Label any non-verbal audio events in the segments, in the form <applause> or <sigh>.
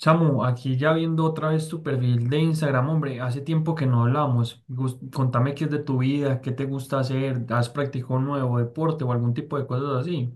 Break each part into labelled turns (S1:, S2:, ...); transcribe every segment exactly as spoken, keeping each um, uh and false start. S1: Samu, aquí ya viendo otra vez tu perfil de Instagram, hombre, hace tiempo que no hablamos. Gus- Contame qué es de tu vida, qué te gusta hacer, has practicado un nuevo deporte o algún tipo de cosas así.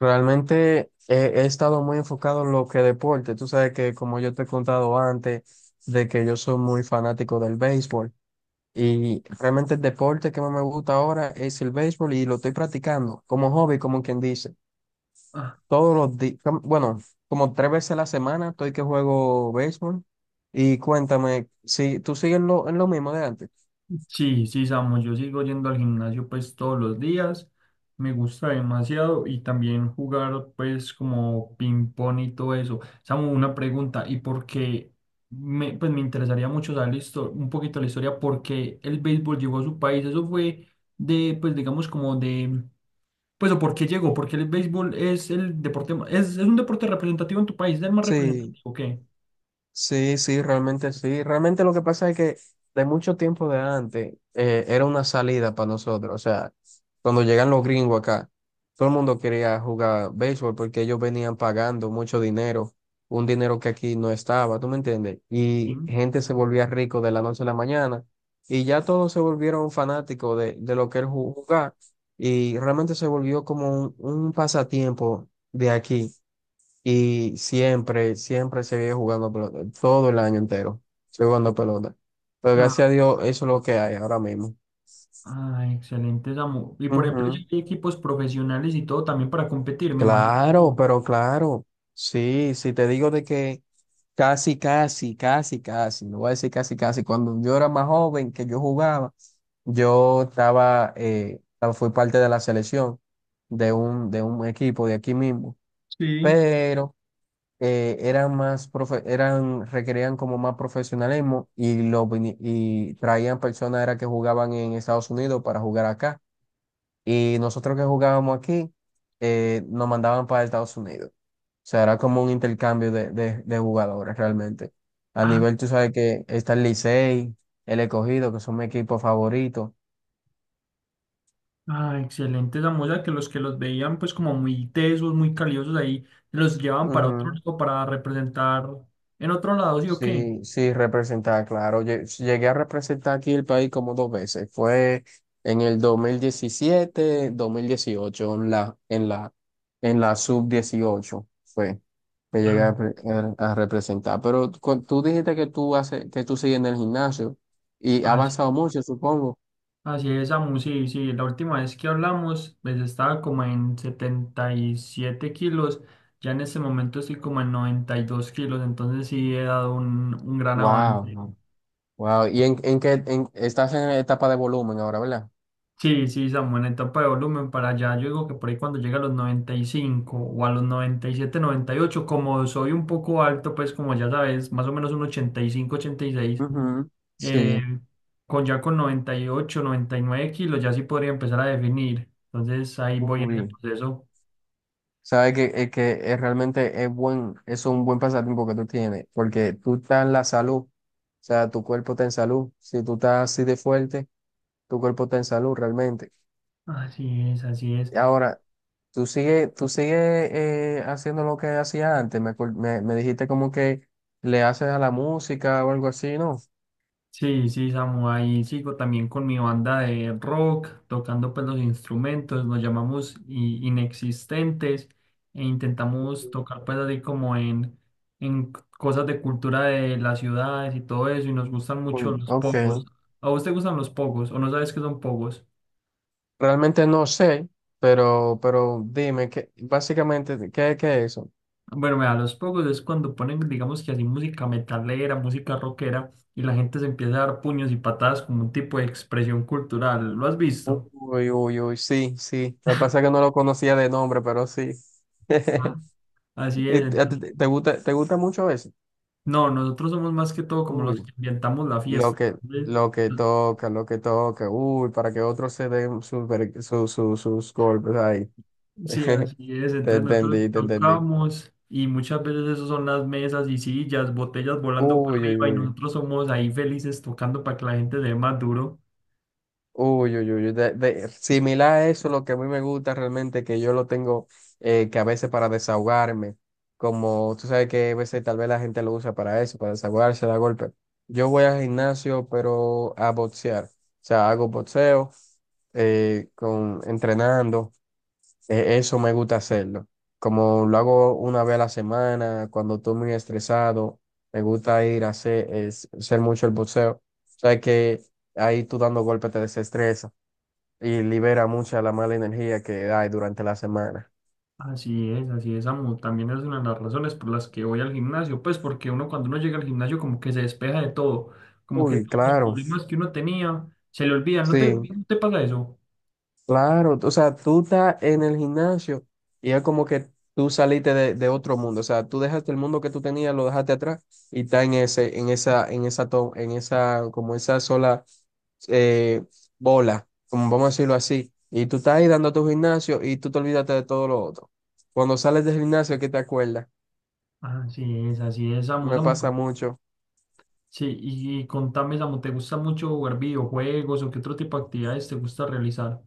S2: Realmente he, he estado muy enfocado en lo que deporte. Tú sabes que, como yo te he contado antes, de que yo soy muy fanático del béisbol y realmente el deporte que más me gusta ahora es el béisbol y lo estoy practicando como hobby, como quien dice.
S1: Ah,
S2: Todos los días, bueno, como tres veces a la semana estoy que juego béisbol. Y cuéntame, ¿si tú sigues lo, en lo mismo de antes?
S1: sí, sí, Samu, yo sigo yendo al gimnasio pues todos los días, me gusta demasiado y también jugar pues como ping pong y todo eso. Samu, una pregunta, ¿y por qué? Me, pues me interesaría mucho saber la histo- un poquito la historia, por qué el béisbol llegó a su país, eso fue de, pues digamos como de. Pues o por qué llegó, porque el béisbol es el deporte, ma- es, es un deporte representativo en tu país, es el más
S2: Sí.
S1: representativo, ¿qué?
S2: Sí, sí, realmente sí. Realmente lo que pasa es que de mucho tiempo de antes eh, era una salida para nosotros. O sea, cuando llegan los gringos acá, todo el mundo quería jugar béisbol porque ellos venían pagando mucho dinero, un dinero que aquí no estaba, ¿tú me entiendes?
S1: Sí.
S2: Y gente se volvía rico de la noche a la mañana y ya todos se volvieron fanáticos de, de lo que era ju- jugar, y realmente se volvió como un, un pasatiempo de aquí. Y siempre, siempre seguí jugando pelota, todo el año entero, seguí jugando pelota. Pero
S1: Ah,
S2: gracias a Dios, eso es lo que hay ahora mismo.
S1: ah, excelente, Samu. Y por ejemplo, ya
S2: Ujú.
S1: hay equipos profesionales y todo también para competir, me imagino. Sí.
S2: Claro, pero claro, sí, sí, te digo de que casi, casi, casi, casi, no voy a decir casi, casi, cuando yo era más joven que yo jugaba, yo estaba, eh, fui parte de la selección de un, de un equipo de aquí mismo,
S1: Sí.
S2: pero eh, eran más profe- eran requerían como más profesionalismo, y lo vini- y traían personas era que jugaban en Estados Unidos para jugar acá, y nosotros que jugábamos aquí eh, nos mandaban para Estados Unidos. O sea, era como un intercambio de, de, de jugadores realmente. A
S1: Ah,
S2: nivel, tú sabes que está el Licey, el Escogido, que son mis equipos favoritos.
S1: ah, excelente, Samu. O sea, que los que los veían pues como muy tesos, muy caliosos ahí, los llevaban para otro lado, para representar en otro lado, ¿sí o qué?
S2: Sí, sí, representar, claro. Lle- Llegué a representar aquí el país como dos veces. Fue en el dos dos mil diecisiete, dos mil dieciocho, en la, en la, en la sub dieciocho, fue que llegué a, pre- a- a representar. Pero cu- tú dijiste que tú haces, que tú sigues en el gimnasio y ha
S1: Ah,
S2: avanzado mucho, supongo.
S1: así es, Samu, sí, sí, la última vez que hablamos, pues estaba como en setenta y siete kilos, ya en este momento estoy como en noventa y dos kilos, entonces sí he dado un, un gran
S2: Wow.
S1: avance.
S2: No, wow. ¿Y en, en qué en- estás en etapa de volumen ahora, verdad?
S1: Sí, sí, Samu, en etapa de volumen para allá, yo digo que por ahí cuando llega a los noventa y cinco o a los noventa noventa y siete noventa y ocho como soy un poco alto, pues como ya sabes, más o menos un ochenta y cinco, ochenta y seis,
S2: Ujú.
S1: eh,
S2: Sí.
S1: con ya con noventa noventa y ocho noventa y nueve kilos ya sí podría empezar a definir, entonces ahí voy en ese
S2: Uy.
S1: proceso.
S2: Sabes que, es que es realmente es buen, es un buen pasatiempo que tú tienes, porque tú estás en la salud. O sea, tu cuerpo está en salud. Si tú estás así de fuerte, tu cuerpo está en salud realmente.
S1: Así es, así es.
S2: Ahora, tú sigues, tú sigues eh, haciendo lo que hacías antes. Me, acuer- me, me dijiste como que le haces a la música o algo así, ¿no?
S1: Sí, sí, Samu, ahí sigo también con mi banda de rock, tocando pues los instrumentos, nos llamamos i- inexistentes e intentamos tocar pues así como en, en c- cosas de cultura de las ciudades y todo eso, y nos gustan mucho
S2: Mm,
S1: los
S2: ok,
S1: pogos. ¿A vos te gustan los pogos o no sabes qué son pogos?
S2: realmente no sé, pero, pero dime, ¿qué, básicamente, ¿qué, qué es eso?
S1: Bueno, mira, los pogos es cuando ponen, digamos que así, música metalera, música rockera, y la gente se empieza a dar puños y patadas como un tipo de expresión cultural. ¿Lo has visto?
S2: Uy, uy, uy, sí, sí. Lo que pasa es que no lo conocía de nombre, pero sí. <laughs>
S1: Así
S2: ¿Y
S1: es.
S2: ¿Te, te- te gusta, te gusta mucho eso?
S1: No, nosotros somos más que todo como los
S2: Uy,
S1: que inventamos la
S2: lo
S1: fiesta.
S2: que,
S1: Entonces,
S2: lo que
S1: no.
S2: toca, lo que toca, uy, para que otros se den sus, ver- su- su- sus golpes ahí.
S1: Sí,
S2: <laughs>
S1: así es.
S2: Te
S1: Entonces nosotros
S2: entendí, te entendí.
S1: tocamos y muchas veces eso son las mesas y sillas, botellas volando para
S2: Uy, uy,
S1: arriba y
S2: uy.
S1: nosotros somos ahí felices tocando para que la gente le dé más duro.
S2: Uy, uy, uy, de- de- similar a eso, lo que a mí me gusta realmente, que yo lo tengo, eh, que a veces, para desahogarme, como tú sabes que a veces tal vez la gente lo usa para eso, para desahogarse, da golpe. Yo voy al gimnasio, pero a boxear. O sea, hago boxeo, eh, con, entrenando, eh, eso me gusta hacerlo. Como lo hago una vez a la semana, cuando estoy muy estresado, me gusta ir a hacer, es- hacer mucho el boxeo. O sea que ahí, tú dando golpes, te desestresa y libera mucha la mala energía que hay durante la semana.
S1: Así es, así es, amo. También es una de las razones por las que voy al gimnasio, pues porque uno cuando uno llega al gimnasio como que se despeja de todo, como que
S2: Uy,
S1: todos los
S2: claro,
S1: problemas que uno tenía se le olvidan. ¿No te,
S2: sí,
S1: no te pasa eso?
S2: claro. O sea, tú estás en el gimnasio y es como que tú saliste de, de otro mundo. O sea, tú dejaste el mundo que tú tenías, lo dejaste atrás y está en ese, en esa, en esa, to- en esa, como esa sola eh, bola, como vamos a decirlo así. Y tú estás ahí dando tu gimnasio y tú te olvidaste de todo lo otro. Cuando sales del gimnasio, ¿qué te acuerdas?
S1: Así es, así es, Samu,
S2: Me
S1: Samu.
S2: pasa mucho.
S1: Sí, y, y contame, Samu, ¿te gusta mucho jugar videojuegos o qué otro tipo de actividades te gusta realizar?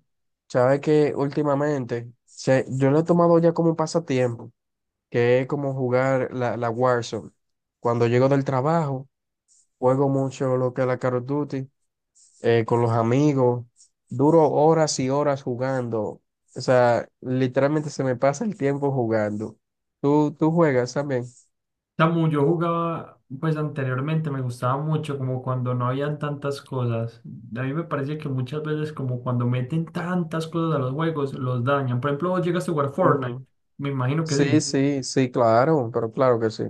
S2: Sabes que últimamente se- yo lo he tomado ya como un pasatiempo, que es como jugar la, la Warzone. Cuando llego del trabajo, juego mucho lo que es la Call of Duty eh, con los amigos. Duro horas y horas jugando. O sea, literalmente se me pasa el tiempo jugando. ¿Tú, tú juegas también?
S1: Samu, yo jugaba, pues anteriormente me gustaba mucho, como cuando no habían tantas cosas. A mí me parece que muchas veces, como cuando meten tantas cosas a los juegos, los dañan. Por ejemplo, vos llegaste a jugar Fortnite,
S2: Ujú.
S1: me imagino que
S2: Sí,
S1: sí.
S2: sí, sí, claro, pero claro que sí.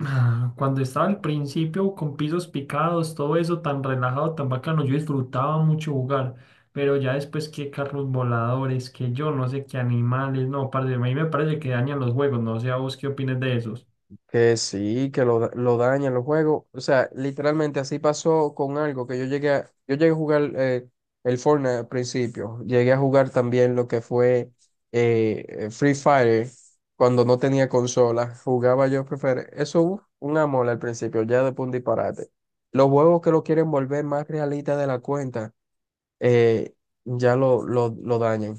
S1: Ah, cuando estaba al principio con pisos picados, todo eso tan relajado, tan bacano, yo disfrutaba mucho jugar, pero ya después que carros voladores, que yo no sé qué animales, no, parce, a mí me parece que dañan los juegos, no sé a vos qué opines de esos.
S2: Que sí, que lo, da- lo dañan los juegos. O sea, literalmente así pasó con algo que yo llegué a, yo llegué a jugar, eh, el Fortnite al principio. Llegué a jugar también lo que fue eh, eh, Free Fire cuando no tenía consola. Jugaba yo Free Fire. Eso, uf, un amor al principio, ya después un disparate. Los juegos que lo quieren volver más realista de la cuenta, eh, ya lo, lo, lo dañan.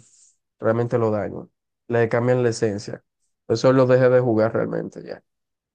S2: Realmente lo dañan. Le cambian la esencia. Eso lo dejé de jugar realmente ya.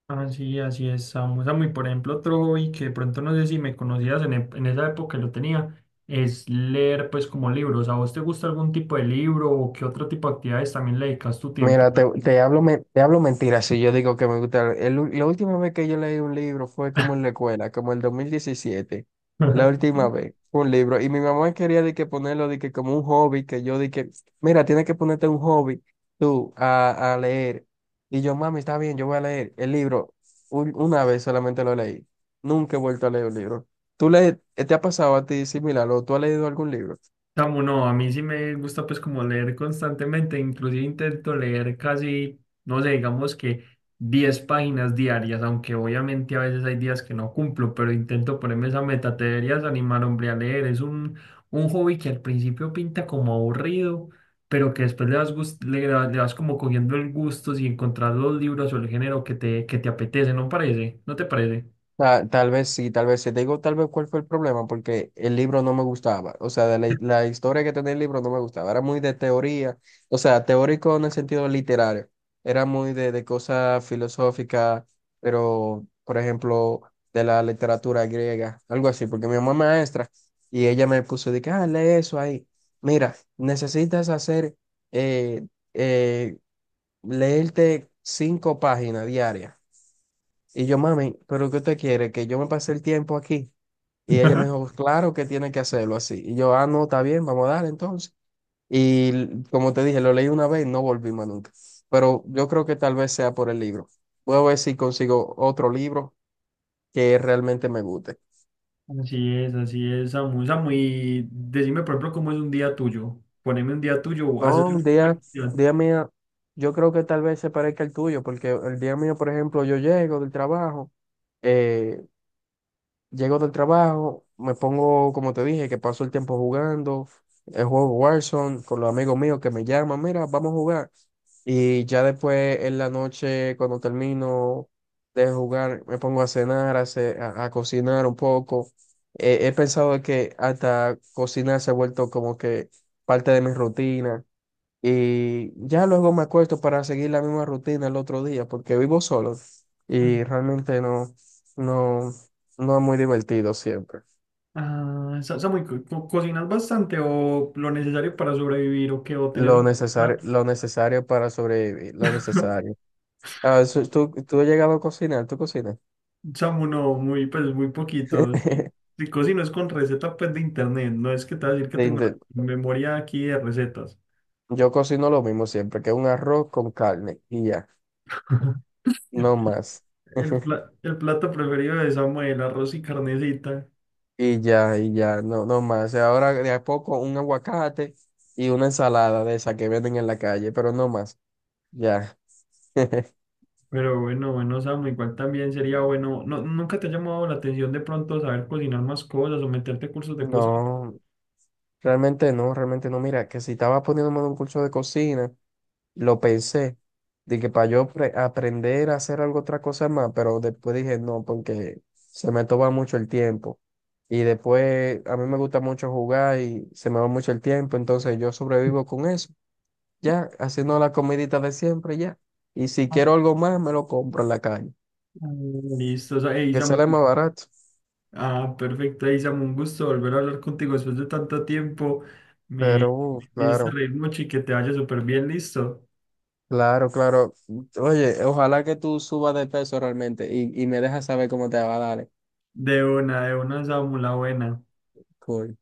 S1: Así, así es, Samu. Samu, y por ejemplo, otro hobby que de pronto no sé si me conocías en, e- en esa época que lo tenía, es leer pues como libros. ¿A vos te gusta algún tipo de libro o qué otro tipo de actividades también le dedicas tu tiempo?
S2: Mira, te, te hablo, men- te hablo mentiras si yo digo que me gusta. El, u- la última vez que yo leí un libro fue como en la escuela, como el dos mil diecisiete. La
S1: <laughs>
S2: última vez fue un libro. Y mi mamá quería de que ponerlo de que como un hobby, que yo dije, mira, tienes que ponerte un hobby tú a, a leer. Y yo, mami, está bien, yo voy a leer el libro. Un- una vez solamente lo leí. Nunca he vuelto a leer un libro. ¿Tú le, te ha pasado a ti similar, o tú has leído algún libro?
S1: Samu, no, a mí sí me gusta pues como leer constantemente, inclusive intento leer casi, no sé, digamos que diez páginas diarias, aunque obviamente a veces hay días que no cumplo, pero intento ponerme esa meta, te deberías animar, hombre, a leer, es un, un hobby que al principio pinta como aburrido, pero que después le vas, gust- le, le vas como cogiendo el gusto si encontrar los libros o el género que te, que te apetece, ¿no parece? ¿No te parece?
S2: Ta- Tal, vez sí, tal vez sí. Te digo tal vez cuál fue el problema, porque el libro no me gustaba. O sea, de la, la historia que tenía el libro no me gustaba. Era muy de teoría, o sea, teórico en el sentido literario. Era muy de, de cosas filosóficas, pero, por ejemplo, de la literatura griega, algo así, porque mi mamá es maestra y ella me puso de que, ah, lee eso ahí. Mira, necesitas hacer, eh, eh, leerte cinco páginas diarias. Y yo, mami, ¿pero qué usted quiere? ¿Que yo me pase el tiempo aquí? Y ella me dijo, claro que tiene que hacerlo así. Y yo, ah, no, está bien, vamos a dar entonces. Y l- como te dije, lo leí una vez y no volví más nunca. Pero yo creo que tal vez sea por el libro. Voy a ver si consigo otro libro que realmente me guste.
S1: Así es, así es, Samu. Samu, y decime, por ejemplo, cómo es un día tuyo. Poneme un día tuyo, o ¿haces
S2: No, un
S1: alguna
S2: día,
S1: actividad?
S2: día mía, yo creo que tal vez se parezca al tuyo, porque el día mío, por ejemplo, yo llego del trabajo. eh, Llego del trabajo, me pongo, como te dije, que paso el tiempo jugando el juego Warzone con los amigos míos, que me llaman, mira, vamos a jugar. Y ya después, en la noche, cuando termino de jugar, me pongo a cenar, a, ce- a- a cocinar un poco. Eh, he pensado de que hasta cocinar se ha vuelto como que parte de mi rutina. Y ya luego me acuesto para seguir la misma rutina el otro día, porque vivo solo
S1: Ah,
S2: y realmente no, no, no es muy divertido siempre.
S1: ah, Sa- Samu, ¿y co- co- cocinas bastante o lo necesario para sobrevivir o qué? ¿O tenés
S2: Lo
S1: un
S2: necesario,
S1: plato?
S2: lo necesario para sobrevivir, lo necesario.
S1: <laughs>
S2: Ah, eso- ¿tú, tú has llegado a cocinar? ¿Tú cocinas?
S1: Samu, no, muy, pues muy poquito. Sí.
S2: <laughs>
S1: Si cocino es con recetas pues, de internet, no es que te voy a decir que
S2: De
S1: tengo la
S2: inte-
S1: memoria aquí de recetas.
S2: Yo cocino lo mismo siempre, que un arroz con carne y ya,
S1: <laughs>
S2: no más.
S1: El,
S2: <laughs>
S1: pla- el plato preferido de Samu, el arroz y carnecita.
S2: Y ya, y ya, no, no más. Ahora, de a poco, un aguacate y una ensalada de esa que venden en la calle, pero no más. Ya. <laughs>
S1: Pero bueno, bueno, Samu, igual también sería bueno. No, ¿nunca te ha llamado la atención de pronto saber cocinar más cosas o meterte a cursos de cocina?
S2: No, realmente no, realmente no. Mira, que si estaba poniéndome en un curso de cocina, lo pensé, de que para yo pre- aprender a hacer algo, otra cosa más, pero después dije no, porque se me toma mucho el tiempo. Y después a mí me gusta mucho jugar y se me va mucho el tiempo, entonces yo sobrevivo con eso, ya, haciendo la comidita de siempre, ya. Y si
S1: Ah,
S2: quiero algo más, me lo compro en la calle,
S1: listo, o sea, ey,
S2: que
S1: Samu,
S2: sale más barato.
S1: ah, perfecto, ey, Samu, un gusto volver a hablar contigo después de tanto tiempo.
S2: Pero,
S1: Me,
S2: uh,
S1: me hice
S2: claro.
S1: reír mucho y que te vaya súper bien, listo.
S2: Claro, claro. Oye, ojalá que tú subas de peso realmente y, y me dejas saber cómo te va, dale.
S1: De una, de una, Samu, la buena.
S2: Cool.